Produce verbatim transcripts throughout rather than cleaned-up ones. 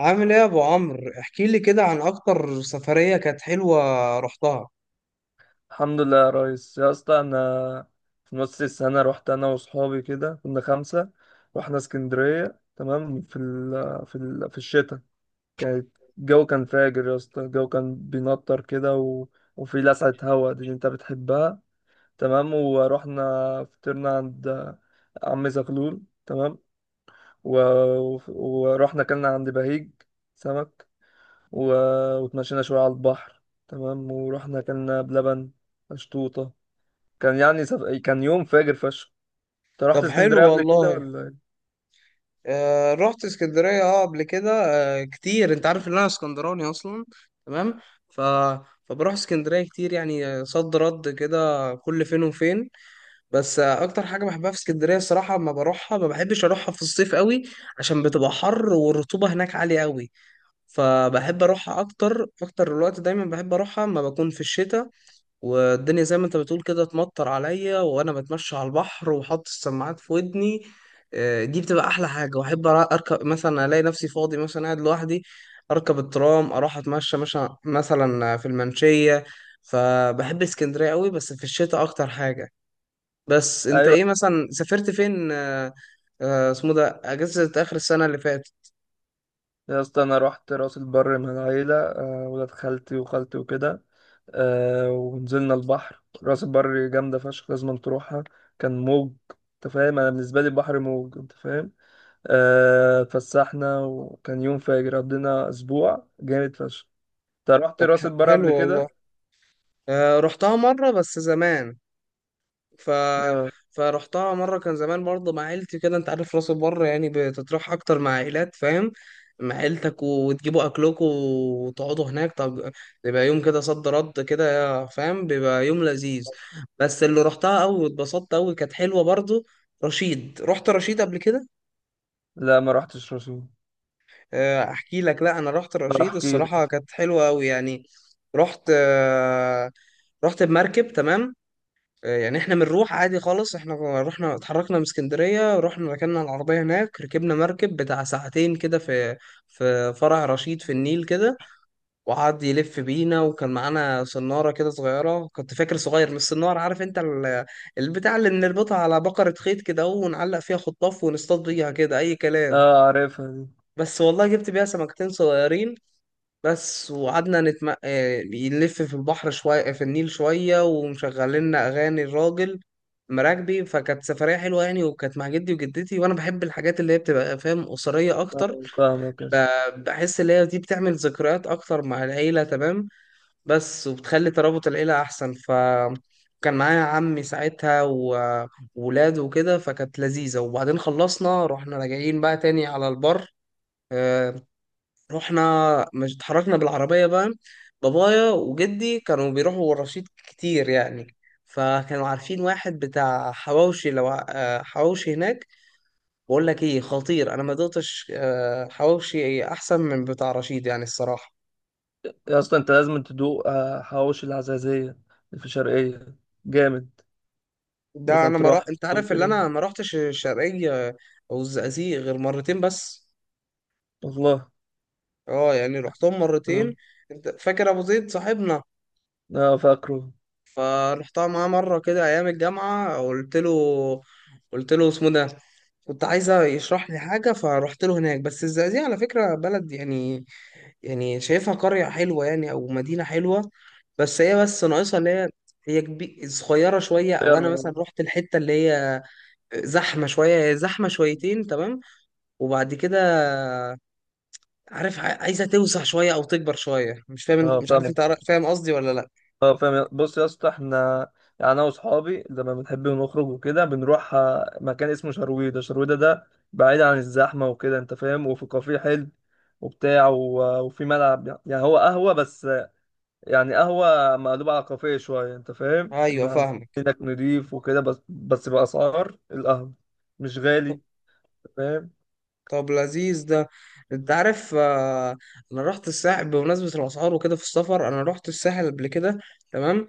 عامل ايه يا ابو عمرو؟ احكي لي كده عن اكتر سفرية كانت حلوة رحتها. الحمد لله يا ريس يا اسطى، انا في نص السنه رحت انا واصحابي كده، كنا خمسه. رحنا اسكندريه، تمام، في ال في ال في الشتاء. كانت الجو كان فاجر يا اسطى، الجو كان بينطر كده و... وفي لسعه هوا دي اللي انت بتحبها. تمام. ورحنا فطرنا عند عم زغلول، تمام. و... و- ورحنا كلنا عند بهيج سمك. و... وتمشينا شويه على البحر. تمام. ورحنا كلنا بلبن مشطوطه. كان يعني سف... كان يوم فاجر فشخ. انت رحت طب حلو اسكندريه قبل كده والله. ولا إيه؟ آه رحت اسكندرية اه قبل كده. آه كتير، انت عارف ان انا اسكندراني اصلا. تمام. ف فبروح اسكندرية كتير يعني، آه، صد رد كده كل فين وفين. بس آه اكتر حاجة بحبها في اسكندرية الصراحة، لما بروحها ما بحبش اروحها في الصيف قوي، عشان بتبقى حر والرطوبة هناك عالية قوي. فبحب اروحها اكتر، اكتر الوقت دايما بحب اروحها اما بكون في الشتاء، والدنيا زي ما انت بتقول كده تمطر عليا وانا بتمشى على البحر وحط السماعات في ودني. آه، دي بتبقى احلى حاجه. واحب أرا- اركب مثلا، الاقي نفسي فاضي مثلا قاعد لوحدي، اركب الترام، اروح اتمشى مثلا مثلا في المنشيه. فبحب اسكندريه قوي بس في الشتاء اكتر حاجه. بس انت ايوه. ايه مثلا سافرت فين آه، آه، اسمه ده اجازه اخر السنه اللي فاتت؟ يا اسطى انا رحت راس البر من العيله، آه، ولاد خالتي وخالتي وكده. آه، ونزلنا البحر، راس البر جامده فشخ، لازم تروحها. كان موج، انت فاهم، انا بالنسبه لي البحر موج، انت فاهم. آه، اتفسحنا وكان يوم فاجر، قضينا اسبوع جامد فشخ. انت رحت طب راس ح- البر حلو قبل والله. كده؟ آه، رحتها مره بس زمان. ف آه، فرحتها مره كان زمان برضه مع عيلتي كده. انت عارف راس البر يعني بتتروح اكتر مع عائلات، فاهم، مع عيلتك وتجيبوا اكلكم وتقعدوا هناك. طب بيبقى يوم كده صد رد كده فاهم، بيبقى يوم لذيذ. بس اللي رحتها قوي واتبسطت قوي كانت حلوه برضه. رشيد، رحت رشيد قبل كده. لا ما رحتش راس البر. آه، احكي لك. لا انا رحت رشيد احكي لي. الصراحه كانت حلوه قوي يعني. رحت آه، رحت بمركب. تمام. آه، يعني احنا بنروح عادي خالص، احنا رحنا اتحركنا من اسكندرية، رحنا ركننا العربية هناك، ركبنا مركب بتاع ساعتين كده في في فرع رشيد في النيل كده. وقعد يلف بينا، وكان معانا صنارة كده صغيرة، كنت فاكر صغير من الصنارة. عارف انت ال- البتاع اللي بنربطها على بقرة خيط كده ونعلق فيها خطاف ونصطاد بيها كده اي كلام. اه عارفها دي. بس والله جبت بيها سمكتين صغيرين بس. وقعدنا نتم... آه، نلف في البحر شوية في النيل شوية، ومشغلنا أغاني الراجل مراكبي. فكانت سفرية حلوة يعني، وكانت مع جدي وجدتي. وأنا بحب الحاجات اللي هي بتبقى فاهم أسرية أكتر. آه، فاهمك. ب- بحس اللي هي دي بتعمل ذكريات أكتر مع العيلة. تمام. بس وبتخلي ترابط العيلة أحسن. ف كان معايا عمي ساعتها و- وولاده وكده، فكانت لذيذة. وبعدين خلصنا رحنا راجعين بقى تاني على البر. آه، رحنا مش اتحركنا بالعربية بقى. بابايا وجدي كانوا بيروحوا الرشيد كتير يعني، فكانوا عارفين واحد بتاع حواوشي، لو ع- آه، حواوشي هناك. بقول لك ايه، خطير، انا ما دقتش آه، حواوشي احسن من بتاع رشيد يعني الصراحة. يا اسطى انت لازم تدوق آه، حواوشي العزازية اللي في شرقية، جامد. ده لازم انا ما رح... تروح انت يوم عارف اللي كده. انا ما رحتش الشرقية او الزقازيق غير مرتين بس. والله. اه يعني رحتهم اه. مرتين. انت فاكر ابو زيد صاحبنا؟ آه، فاكره. فرحتها معاه مرة كده ايام الجامعة. قلت له قلت له اسمه ده، كنت عايزة يشرح لي حاجة فرحت له هناك. بس الزقازيق على فكرة بلد يعني، يعني شايفها قرية حلوة يعني أو مدينة حلوة. بس هي بس ناقصها اللي هي، هي كبي... صغيرة شوية. يا أو أنا مثلا رب. رحت الحتة اللي هي زحمة شوية، هي زحمة شويتين. تمام. وبعد كده، عارف ع- عايزة توسع شوية أو تكبر شوية. مش فاهم اه انت- مش فاهم. عارف أنت عارف- فاهم قصدي ولا لأ؟ اه فاهم. بص يا اسطى، احنا يعني انا واصحابي لما بنحب نخرج وكده بنروح آه، مكان اسمه شرويدة. شرويدة ده بعيد عن الزحمة وكده، انت فاهم. وفي كافيه حلو وبتاع و- وفي ملعب. يعني هو قهوة بس، يعني قهوة مقلوبة على كافيه شوية، أنت فاهم؟ أيوه إما فاهمك. إنك نضيف وكده، بس بس بأسعار القهوة، مش غالي، أنت فاهم؟ طب لذيذ ده. أنت عارف آه، أنا رحت الساحل. بمناسبة الأسعار وكده في السفر، أنا رحت الساحل قبل كده. تمام.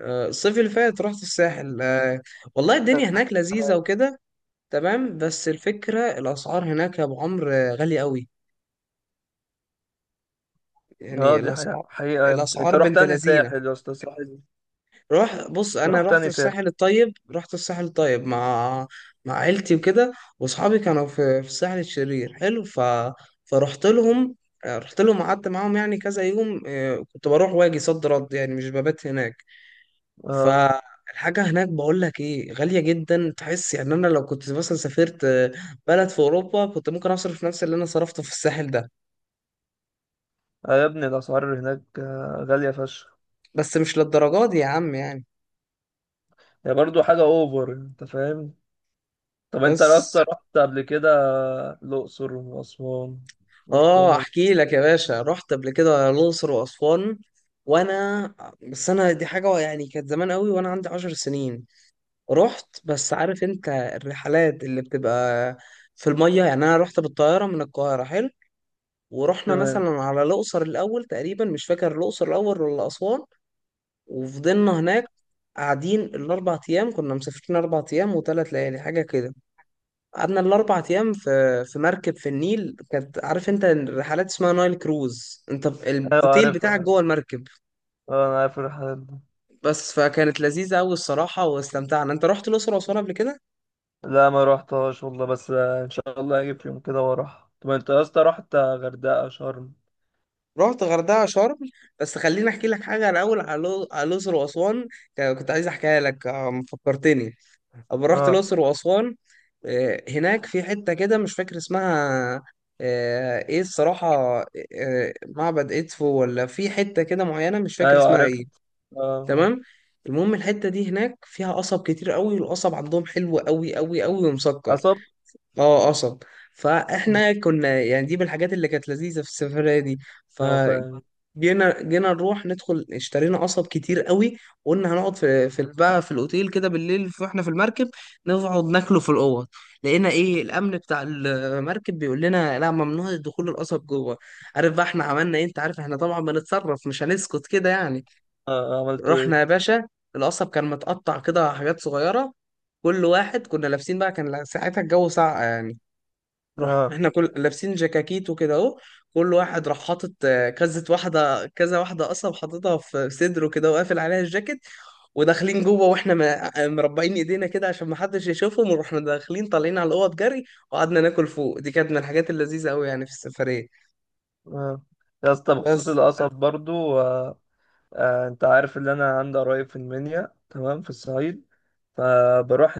آه، الصيف اللي فات رحت الساحل. آه، والله الدنيا هناك لذيذة وكده. تمام. بس الفكرة، الأسعار هناك يا أبو عمرو آه، غالية قوي. اه يعني دي حقيقة, الأسعار حقيقة يا ابني. أنت الأسعار رحت بنت تاني لذينة. ساحل يا أسطى، ساحل روح بص، أنت أنا رحت رحت تاني ساحل؟ الساحل الطيب، رحت الساحل الطيب مع مع عيلتي وكده. وأصحابي كانوا في في الساحل الشرير حلو. ف... فرحت لهم آه، رحت لهم قعدت معاهم يعني كذا يوم. آه، كنت بروح واجي صد رد يعني، مش ببات هناك. اه. فالحاجة هناك بقول لك ايه، غالية جدا. تحس يعني انا لو كنت مثلا سافرت آه، بلد في اوروبا، كنت ممكن اصرف نفس اللي انا صرفته في الساحل ده. آه يا ابني، الأسعار هناك آه، غالية فشخ. بس مش للدرجات دي يا عم يعني. هي برضو حاجة أوفر، أنت فاهم؟ طب أنت بس يا اسطى رحت قبل كده الأقصر وأسوان، رحتهم اه ولا؟ احكي لك يا باشا. رحت قبل كده الاقصر واسوان. وانا بس انا دي حاجة يعني كانت زمان قوي وانا عندي عشر سنين. رحت. بس عارف انت الرحلات اللي بتبقى في المية، يعني انا رحت بالطيارة من القاهرة. حلو. ورحنا تمام. مثلا على الأقصر الأول تقريبا، مش فاكر الأقصر الأول ولا أسوان. وفضلنا هناك قاعدين الأربع أيام. كنا مسافرين أربع أيام وثلاث ليالي حاجة كده. قعدنا الأربع أيام في في مركب في النيل، كانت عارف أنت الرحلات اسمها نايل كروز، أنت ب- أيوة الأوتيل عارفها، بتاعك عارف. جوه المركب. اه أنا عارف الرحلات دي. بس فكانت لذيذة أوي الصراحة واستمتعنا. أنت رحت الأقصر وأسوان قبل كده؟ لا ما روحتهاش والله، بس ان شاء الله هجيب في يوم كده واروح. طب انت يا اسطى رحت غردقه شرم؟ رحت غردقة شرم. بس خليني أحكي لك حاجة الأول على الأقصر وأسوان، كنت عايز أحكيها لك آه، فكرتني. أما رحت اه. الأقصر وأسوان، آه، هناك في حتة كده مش فاكر اسمها آه، إيه الصراحة، آه، معبد إدفو ولا في حتة كده معينة مش فاكر ايوه اسمها عرفت. إيه. اه. آه. تمام. المهم الحتة دي هناك فيها قصب كتير قوي، والقصب عندهم حلو قوي قوي قوي ومسكر. اصب. اه قصب. مم. فاحنا كنا يعني دي من الحاجات اللي كانت لذيذة في السفرية دي. ف اه فاهم. جينا جينا نروح ندخل، اشترينا قصب كتير قوي. وقلنا هنقعد في في بقى في الاوتيل كده بالليل، في- واحنا في المركب نقعد ناكله في الاوض. لقينا ايه، الامن بتاع المركب بيقول لنا لا ممنوع دخول القصب جوه. عارف بقى احنا عملنا ايه؟ انت عارف احنا طبعا بنتصرف، مش هنسكت كده يعني. آه عملتوا رحنا يا ايه؟ باشا، القصب كان متقطع كده حاجات صغيره، كل واحد كنا لابسين بقى، كان ساعتها الجو ساقع يعني، راح اه. احنا كل لابسين جاكاكيت وكده اهو. كل واحد راح حاطط آه، كذا واحده كذا واحده اصلا حاططها في صدره كده وقافل عليها الجاكيت. وداخلين جوه واحنا م- آه، مربعين ايدينا كده عشان ما حدش يشوفهم، ورحنا داخلين طالعين على الاوض جري. وقعدنا ناكل فوق. دي كانت من الحاجات اللذيذه قوي يعني في السفريه. اه. يا اسطى بخصوص بس القصب برضو آه آه انت عارف ان انا عندي قرايب في المنيا، تمام، في الصعيد. فبروح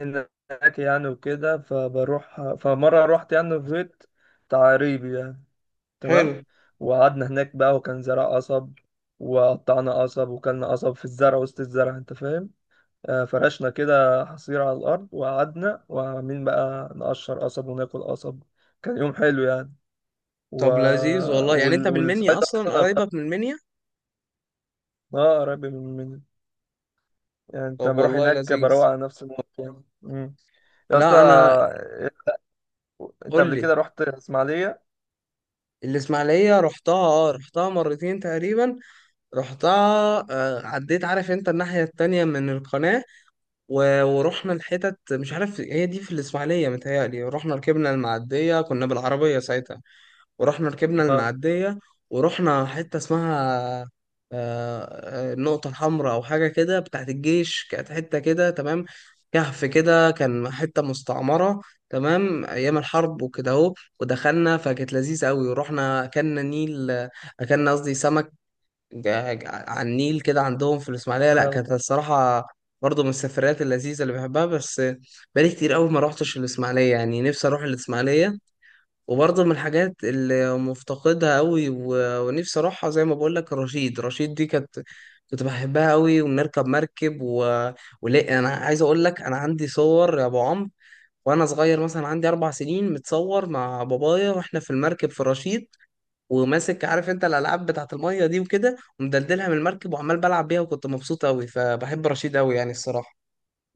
هناك يعني وكده. فبروح، فمره رحت يعني في بيت تعريبي، تمام. حلو. وقعدنا هناك بقى وكان زرع قصب، وقطعنا قصب وكلنا قصب في الزرع وسط الزرع، انت فاهم. آه، فرشنا كده حصير على الارض، وقعدنا وعاملين بقى نقشر قصب وناكل قصب. كان يوم حلو يعني. و... طب لذيذ والله. يعني انت وال... من المنيا والصيد اصلا اصلا؟ انا بقى- قرايبك من المنيا؟ اه قريب من من يعني. انت طب بروح والله هناك بروق لذيذ. على نفسي موت يعني. مم. يا اسطى لا انا. آه، انت قول قبل لي، كده رحت اسماعيليه؟ الاسماعيليه رحتها اه رحتها مرتين تقريبا رحتها. آه، عديت، عارف انت الناحية التانية من القناة، و- ورحنا الحتت مش عارف هي دي في الإسماعيلية متهيألي، رحنا ركبنا المعدية كنا بالعربية ساعتها. ورحنا ركبنا المعدية. ورحنا حتة اسمها آه، آه، النقطة الحمراء أو حاجة كده بتاعت الجيش، كانت حتة كده تمام، كهف كده، كان حتة مستعمرة تمام أيام الحرب وكده أهو. ودخلنا فكانت لذيذة أوي. ورحنا أكلنا نيل أكلنا قصدي سمك. جا- جا- على النيل كده عندهم في الإسماعيلية، لا اه. كانت الصراحة برضه من السفريات اللذيذة اللي بحبها. بس بقالي كتير قوي ما روحتش الإسماعيلية يعني، نفسي أروح الإسماعيلية. وبرضه من الحاجات اللي مفتقدها قوي و- ونفسي أروحها. زي ما بقول لك، رشيد رشيد دي كانت، كنت بحبها قوي ونركب مركب و... ولا أنا عايز أقول لك، أنا عندي صور يا أبو عمرو، وأنا صغير مثلا عندي أربع سنين، متصور مع بابايا وإحنا في المركب في رشيد، وماسك، عارف انت الالعاب بتاعت الميه دي وكده، ومدلدلها من المركب وعمال بلعب بيها، وكنت مبسوط قوي. فبحب رشيد قوي يعني الصراحه.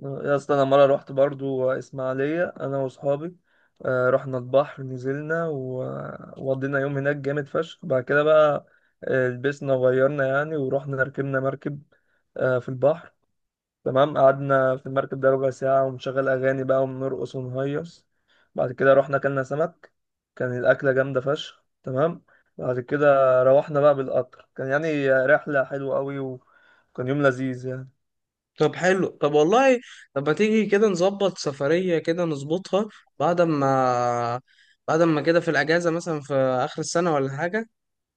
يا اسطى انا مره رحت برضو اسماعيليه انا واصحابي. آه، رحنا البحر، نزلنا و- وقضينا يوم هناك جامد فشخ. بعد كده بقى آه، لبسنا وغيرنا يعني، ورحنا ركبنا مركب آه، في البحر، تمام. قعدنا في المركب ده ربع ساعه، ونشغل اغاني بقى ونرقص ونهيص. بعد كده رحنا اكلنا سمك، كان الاكله جامده فشخ، تمام. بعد كده روحنا بقى بالقطر. كان يعني رحله حلوه قوي، وكان يوم لذيذ يعني. طب حلو. طب والله، طب ما تيجي كده نظبط سفريه، كده نظبطها. بعد ما بعد ما كده في الاجازه مثلا في اخر السنه ولا حاجه،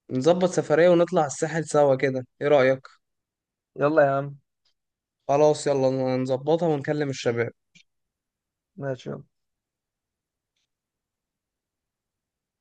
نظبط سفريه ونطلع الساحل سوا كده. ايه رايك؟ يلا يا عم. خلاص يلا نظبطها ونكلم الشباب. ماشي.